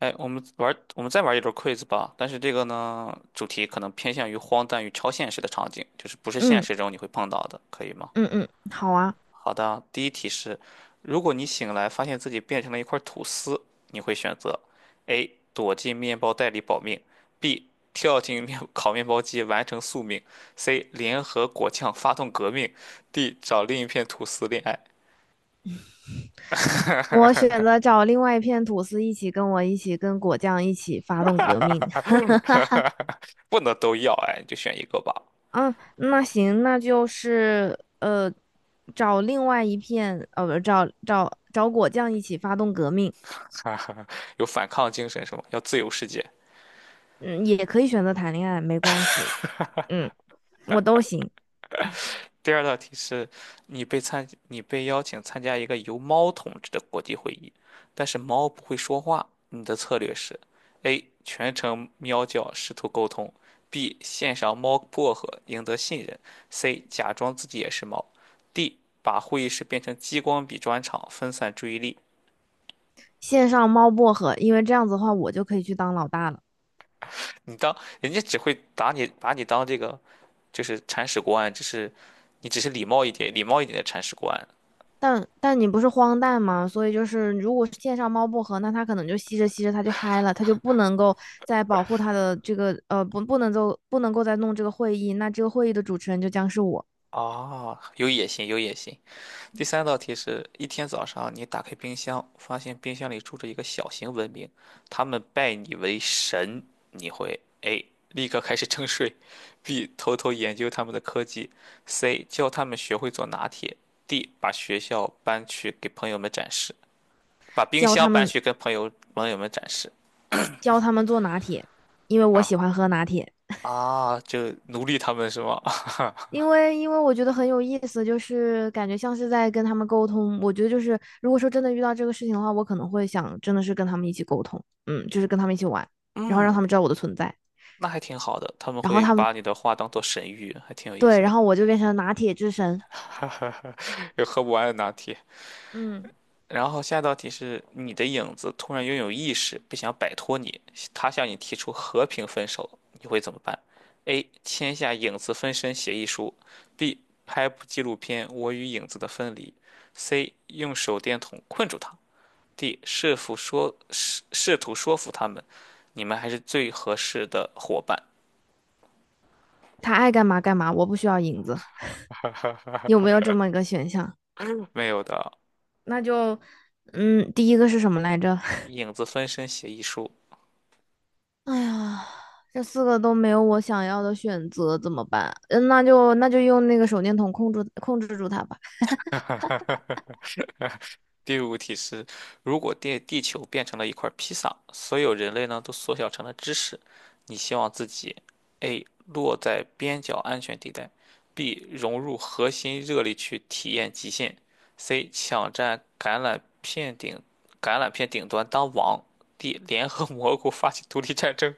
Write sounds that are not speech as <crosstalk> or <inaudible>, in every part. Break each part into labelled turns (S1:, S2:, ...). S1: 哎，我们再玩一轮 quiz 吧。但是这个呢，主题可能偏向于荒诞与超现实的场景，就是不是现
S2: 嗯
S1: 实中你会碰到的，可以吗？
S2: 嗯嗯，好啊。
S1: 好的，第一题是：如果你醒来发现自己变成了一块吐司，你会选择 A 躲进面包袋里保命，B 跳进面 <laughs> 烤面包机完成宿命，C 联合果酱发动革命，D 找另一片吐司恋爱。
S2: 我选择找另外一片吐司一起跟我一起跟果酱一起发动革命。
S1: 不能都要，哎，你就选一个吧。
S2: 嗯，那行，那就是找另外一片呃，不，找果酱一起发动革命。
S1: 有反抗精神是吗？要自由世界。
S2: 嗯，也可以选择谈恋爱，没关系。嗯，我都行。
S1: 第二道题是，你被邀请参加一个由猫统治的国际会议，但是猫不会说话，你的策略是：A. 全程喵叫试图沟通；B. 献上猫薄荷赢得信任；C. 假装自己也是猫；D. 把会议室变成激光笔专场，分散注意力。
S2: 线上猫薄荷，因为这样子的话，我就可以去当老大了。
S1: 你当人家只会打你，把你当这个就是铲屎官，只是你只是礼貌一点，礼貌一点的铲屎官。
S2: 但你不是荒诞吗？所以就是，如果线上猫薄荷，那它可能就吸着吸着它就嗨了，它就不能够再保护它的这个不能够再弄这个会议，那这个会议的主持人就将是我。
S1: 啊，有野心，有野心。第三道题是一天早上，你打开冰箱，发现冰箱里住着一个小型文明，他们拜你为神，你会 A 立刻开始征税，B 偷偷研究他们的科技，C 教他们学会做拿铁，D 把学校搬去给朋友们展示，把冰
S2: 教他
S1: 箱搬
S2: 们
S1: 去跟朋友们展示。
S2: 教他们做拿铁，因为我
S1: 啊，
S2: 喜欢喝拿铁。
S1: 啊，就奴隶他们是吗？<laughs>
S2: 因为我觉得很有意思，就是感觉像是在跟他们沟通。我觉得就是，如果说真的遇到这个事情的话，我可能会想真的是跟他们一起沟通，嗯，就是跟他们一起玩，然后让
S1: 嗯，
S2: 他们知道我的存在，
S1: 那还挺好的，他们
S2: 然后
S1: 会
S2: 他们
S1: 把你的话当做神谕，还挺有意
S2: 对，
S1: 思
S2: 然
S1: 的。
S2: 后我就变成拿铁之神。
S1: <laughs> 哈哈哈，<laughs> 有喝不完的拿铁。
S2: 嗯，
S1: 然后下一道题是你的影子突然拥有意识，不想摆脱你，他向你提出和平分手，你会怎么办？A. 签下影子分身协议书；B. 拍部纪录片《我与影子的分离》；C. 用手电筒困住他；D. 试图说服他们，你们还是最合适的伙伴。
S2: 他爱干嘛干嘛，我不需要影子，有没有这么一个选项？
S1: 没有的，
S2: 那就，嗯，第一个是什么来着？<laughs>
S1: 影子分身协议书。
S2: 哎呀，这四个都没有我想要的选择，怎么办？嗯，那就那就用那个手电筒控制住他吧。
S1: <laughs> 第五题是：如果地球变成了一块披萨，所有人类呢都缩小成了芝士，你希望自己 A 落在边角安全地带，B 融入核心热力去体验极限，C 抢占橄榄片顶橄榄片顶端当王，D <laughs> 联合蘑菇发起独立战争。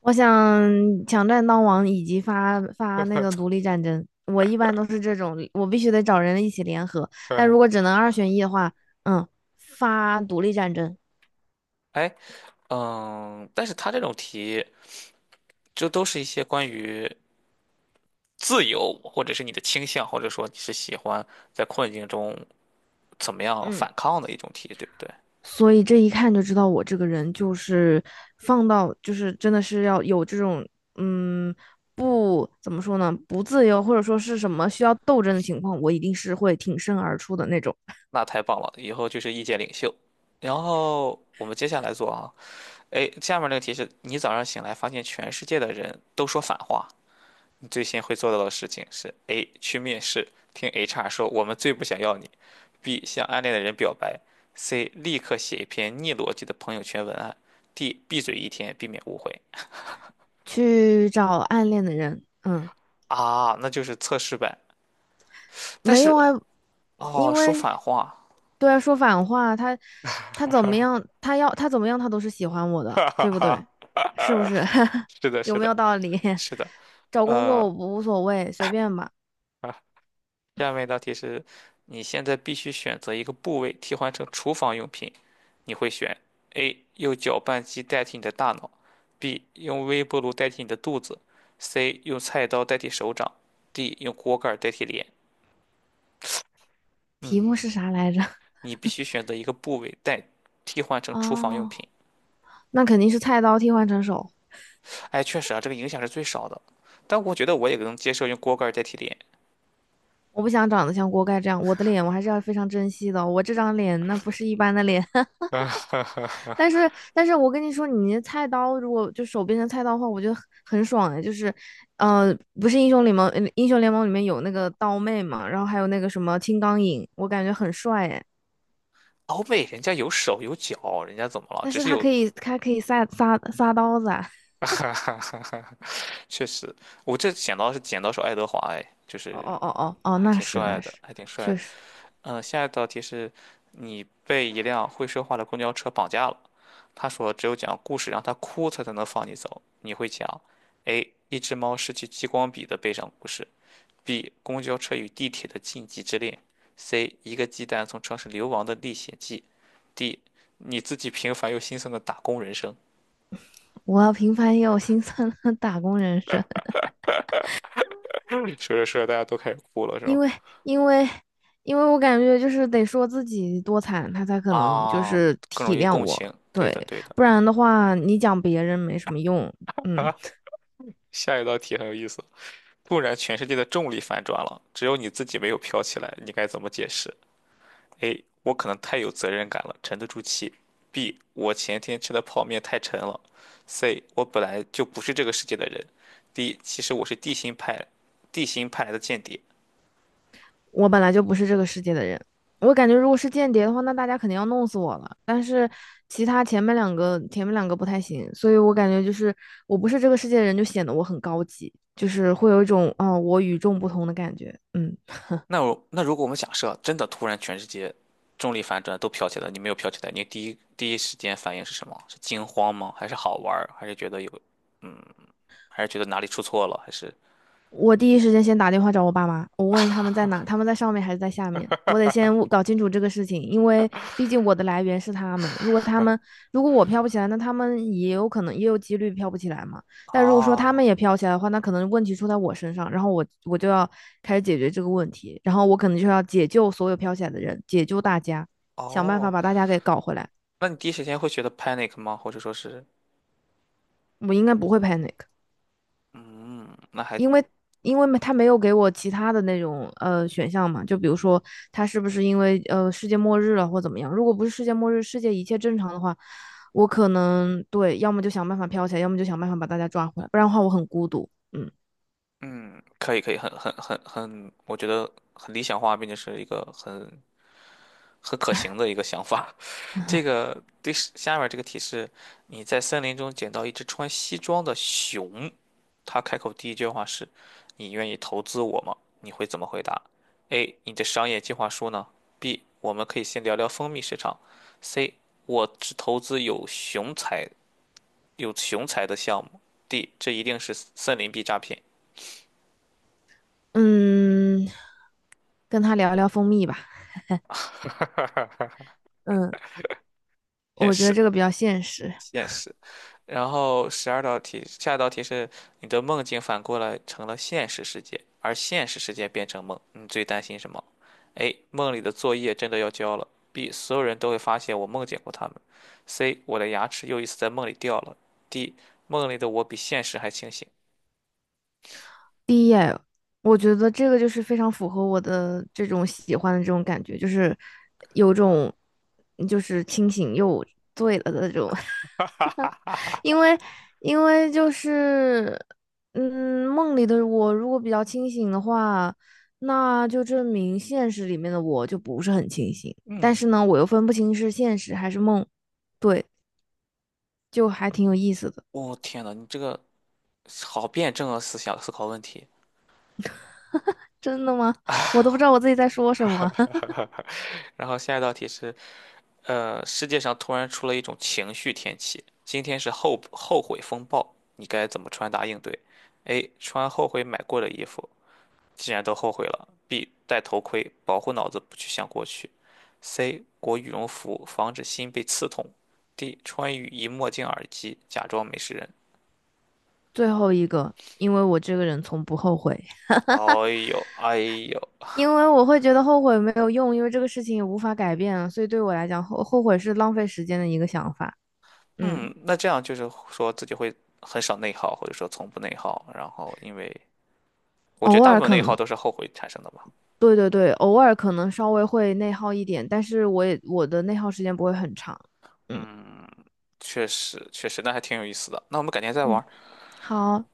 S2: 我想抢占当王以及发那个独立战争，我一般都是这种，我必须得找人一起联合。但如果
S1: <laughs>
S2: 只能二选一的话，嗯，发独立战争。
S1: 哎，嗯，但是他这种题，这都是一些关于自由，或者是你的倾向，或者说你是喜欢在困境中怎么样
S2: 嗯，
S1: 反抗的一种题，对不对？
S2: 所以这一看就知道我这个人就是放到就是真的是要有这种嗯不怎么说呢，不自由或者说是什么需要斗争的情况，我一定是会挺身而出的那种。
S1: 那太棒了，以后就是意见领袖。然后我们接下来做啊，哎，下面那个题是你早上醒来发现全世界的人都说反话，你最先会做到的事情是：A. 去面试，听 HR 说我们最不想要你；B. 向暗恋的人表白；C. 立刻写一篇逆逻辑的朋友圈文案；D. 闭嘴一天，避免误会。
S2: 去找暗恋的人。嗯，
S1: 啊，那就是测试呗。但
S2: 没有
S1: 是
S2: 啊，
S1: 哦，
S2: 因
S1: 说
S2: 为
S1: 反话。
S2: 对啊，说反话，他他怎么样，他要他怎么样，他都是喜欢我
S1: <laughs>
S2: 的，
S1: 哈哈
S2: 对不
S1: 哈，
S2: 对？是不是？<laughs>
S1: 是的，
S2: 有
S1: 是
S2: 没
S1: 的，
S2: 有道理？
S1: 是的。
S2: <laughs> 找工作我
S1: 呃，
S2: 不无所谓，随便吧。
S1: 下面一道题是，你现在必须选择一个部位替换成厨房用品，你会选 A 用搅拌机代替你的大脑，B 用微波炉代替你的肚子，C 用菜刀代替手掌，D 用锅盖代替脸。
S2: 题目是
S1: 嗯，
S2: 啥来着？
S1: 你必须选择一个部位替换成厨房用
S2: 哦，
S1: 品。
S2: 那肯定是菜刀替换成手。
S1: 哎，确实啊，这个影响是最少的，但我觉得我也能接受用锅盖代替脸。
S2: 我不想长得像锅盖这样，我的脸我还是要非常珍惜的。我这张脸那不是一般的脸。<laughs> 但
S1: <laughs>
S2: 是但是我跟你说，你那菜刀如果就手变成菜刀的话，我觉得很爽哎。呃，不是英雄联盟，英雄联盟里面有那个刀妹嘛，然后还有那个什么青钢影，我感觉很帅哎。
S1: 欧美人家有手有脚，人家怎么了？
S2: 但
S1: 只
S2: 是
S1: 是
S2: 他
S1: 有。
S2: 可以他可以撒刀子啊。
S1: <laughs> 哈哈哈哈，确实，我这剪刀是剪刀手爱德华，哎，就
S2: 哦
S1: 是
S2: 哦哦哦，
S1: 还
S2: 那
S1: 挺
S2: 是
S1: 帅
S2: 那
S1: 的，
S2: 是，
S1: 还挺帅
S2: 确
S1: 的。
S2: 实。
S1: 嗯，下一道题是，你被一辆会说话的公交车绑架了，他说只有讲故事让他哭，他才能放你走。你会讲：A. 一只猫失去激光笔的悲伤故事；B. 公交车与地铁的禁忌之恋；C. 一个鸡蛋从城市流亡的历险记；D. 你自己平凡又心酸的打工人生。
S2: 我要平凡也有心酸的打工人生。
S1: <laughs> 说着说着，大家都开始哭了，是
S2: 因
S1: 吗？
S2: 为因为因为我感觉就是得说自己多惨，他才可能就
S1: 啊，
S2: 是
S1: 更容
S2: 体
S1: 易
S2: 谅
S1: 共情。
S2: 我，
S1: 对
S2: 对。
S1: 的，对的。
S2: 不然的话你讲别人没什么用。嗯，
S1: 下一道题很有意思，突然全世界的重力反转了，只有你自己没有飘起来，你该怎么解释？A. 我可能太有责任感了，沉得住气。B. 我前天吃的泡面太沉了。C. 我本来就不是这个世界的人。D. 其实我是地心派，地心派来的间谍。
S2: 我本来就不是这个世界的人，我感觉如果是间谍的话，那大家肯定要弄死我了。但是其他前面两个不太行，所以我感觉就是我不是这个世界的人，就显得我很高级，就是会有一种哦我与众不同的感觉。嗯。
S1: 那如果我们假设真的突然全世界重力反转都飘起来，你没有飘起来，你第一时间反应是什么？是惊慌吗？还是好玩儿？还是觉得有，嗯，还是觉得哪里出错了？还是
S2: 我第一时间先打电话找我爸妈，我问他们在哪，他们在上面还是在下面，我得先搞清楚这个事情，因为毕竟我的来源是他们。如果我飘不起来，那他们也有可能也有几率飘不起来嘛。但如果说他们
S1: 啊，
S2: 也飘起来的话，那可能问题出在我身上，然后我就要开始解决这个问题，然后我可能就要解救所有飘起来的人，解救大家，想办法
S1: 哦，
S2: 把大家给搞回来。
S1: 那你第一时间会觉得 panic 吗？或者说是，
S2: 我应该不会 panic。
S1: 嗯，那还，
S2: 因为因为他没有给我其他的那种选项嘛，就比如说他是不是因为世界末日了或怎么样？如果不是世界末日，世界一切正常的话，我可能对，要么就想办法飘起来，要么就想办法把大家抓回来，不然的话我很孤独。嗯
S1: 嗯，可以可以，很，我觉得很理想化，并且是一个很可行的一个想法。这
S2: <laughs>
S1: 个第十下面这个题是：你在森林中捡到一只穿西装的熊，它开口第一句话是："你愿意投资我吗？"你会怎么回答？A. 你的商业计划书呢？B. 我们可以先聊聊蜂蜜市场。C. 我只投资有熊才的项目。D. 这一定是森林币诈骗，
S2: 嗯，跟他聊聊蜂蜜吧。嗯，
S1: 现
S2: 我觉得
S1: 是。
S2: 这个比较现实。
S1: 现实。然后十二道题，下一道题是你的梦境反过来成了现实世界，而现实世界变成梦，你最担心什么？A. 梦里的作业真的要交了。B. 所有人都会发现我梦见过他们。C. 我的牙齿又一次在梦里掉了。D. 梦里的我比现实还清醒。
S2: 我觉得这个就是非常符合我的这种喜欢的这种感觉，就是有种就是清醒又醉了的这种。
S1: <laughs> 哈哈哈哈哈！
S2: 因为因为就是，嗯，梦里的我如果比较清醒的话，那就证明现实里面的我就不是很清醒。但是
S1: 嗯，
S2: 呢，我又分不清是现实还是梦，对，就还挺有意思的。
S1: 我、天呐，你这个好辩证啊，思想思考问题。
S2: 真的吗？我
S1: 唉。
S2: 都不知道我自己在说什么。<laughs>
S1: <laughs> 然后下一道题是，世界上突然出了一种情绪天气，今天是后悔风暴，你该怎么穿搭应对？A. 穿后悔买过的衣服，既然都后悔了。B. 戴头盔，保护脑子不去想过去。C. 裹羽绒服，防止心被刺痛。D. 穿雨衣、墨镜、耳机，假装没事人。
S2: 最后一个，因为我这个人从不后悔，
S1: 哎呦，哎呦，
S2: 因为我会觉得后悔没有用，因为这个事情也无法改变，所以对我来讲，后悔是浪费时间的一个想法。嗯，
S1: 嗯，那这样就是说自己会很少内耗，或者说从不内耗，然后因为。我觉得
S2: 偶
S1: 大部
S2: 尔
S1: 分
S2: 可
S1: 内耗
S2: 能
S1: 都是后悔产生的吧。
S2: 对对对，偶尔可能稍微会内耗一点，但是我的内耗时间不会很长。嗯
S1: 确实，确实，那还挺有意思的。那我们改天再
S2: 嗯，
S1: 玩。
S2: 好，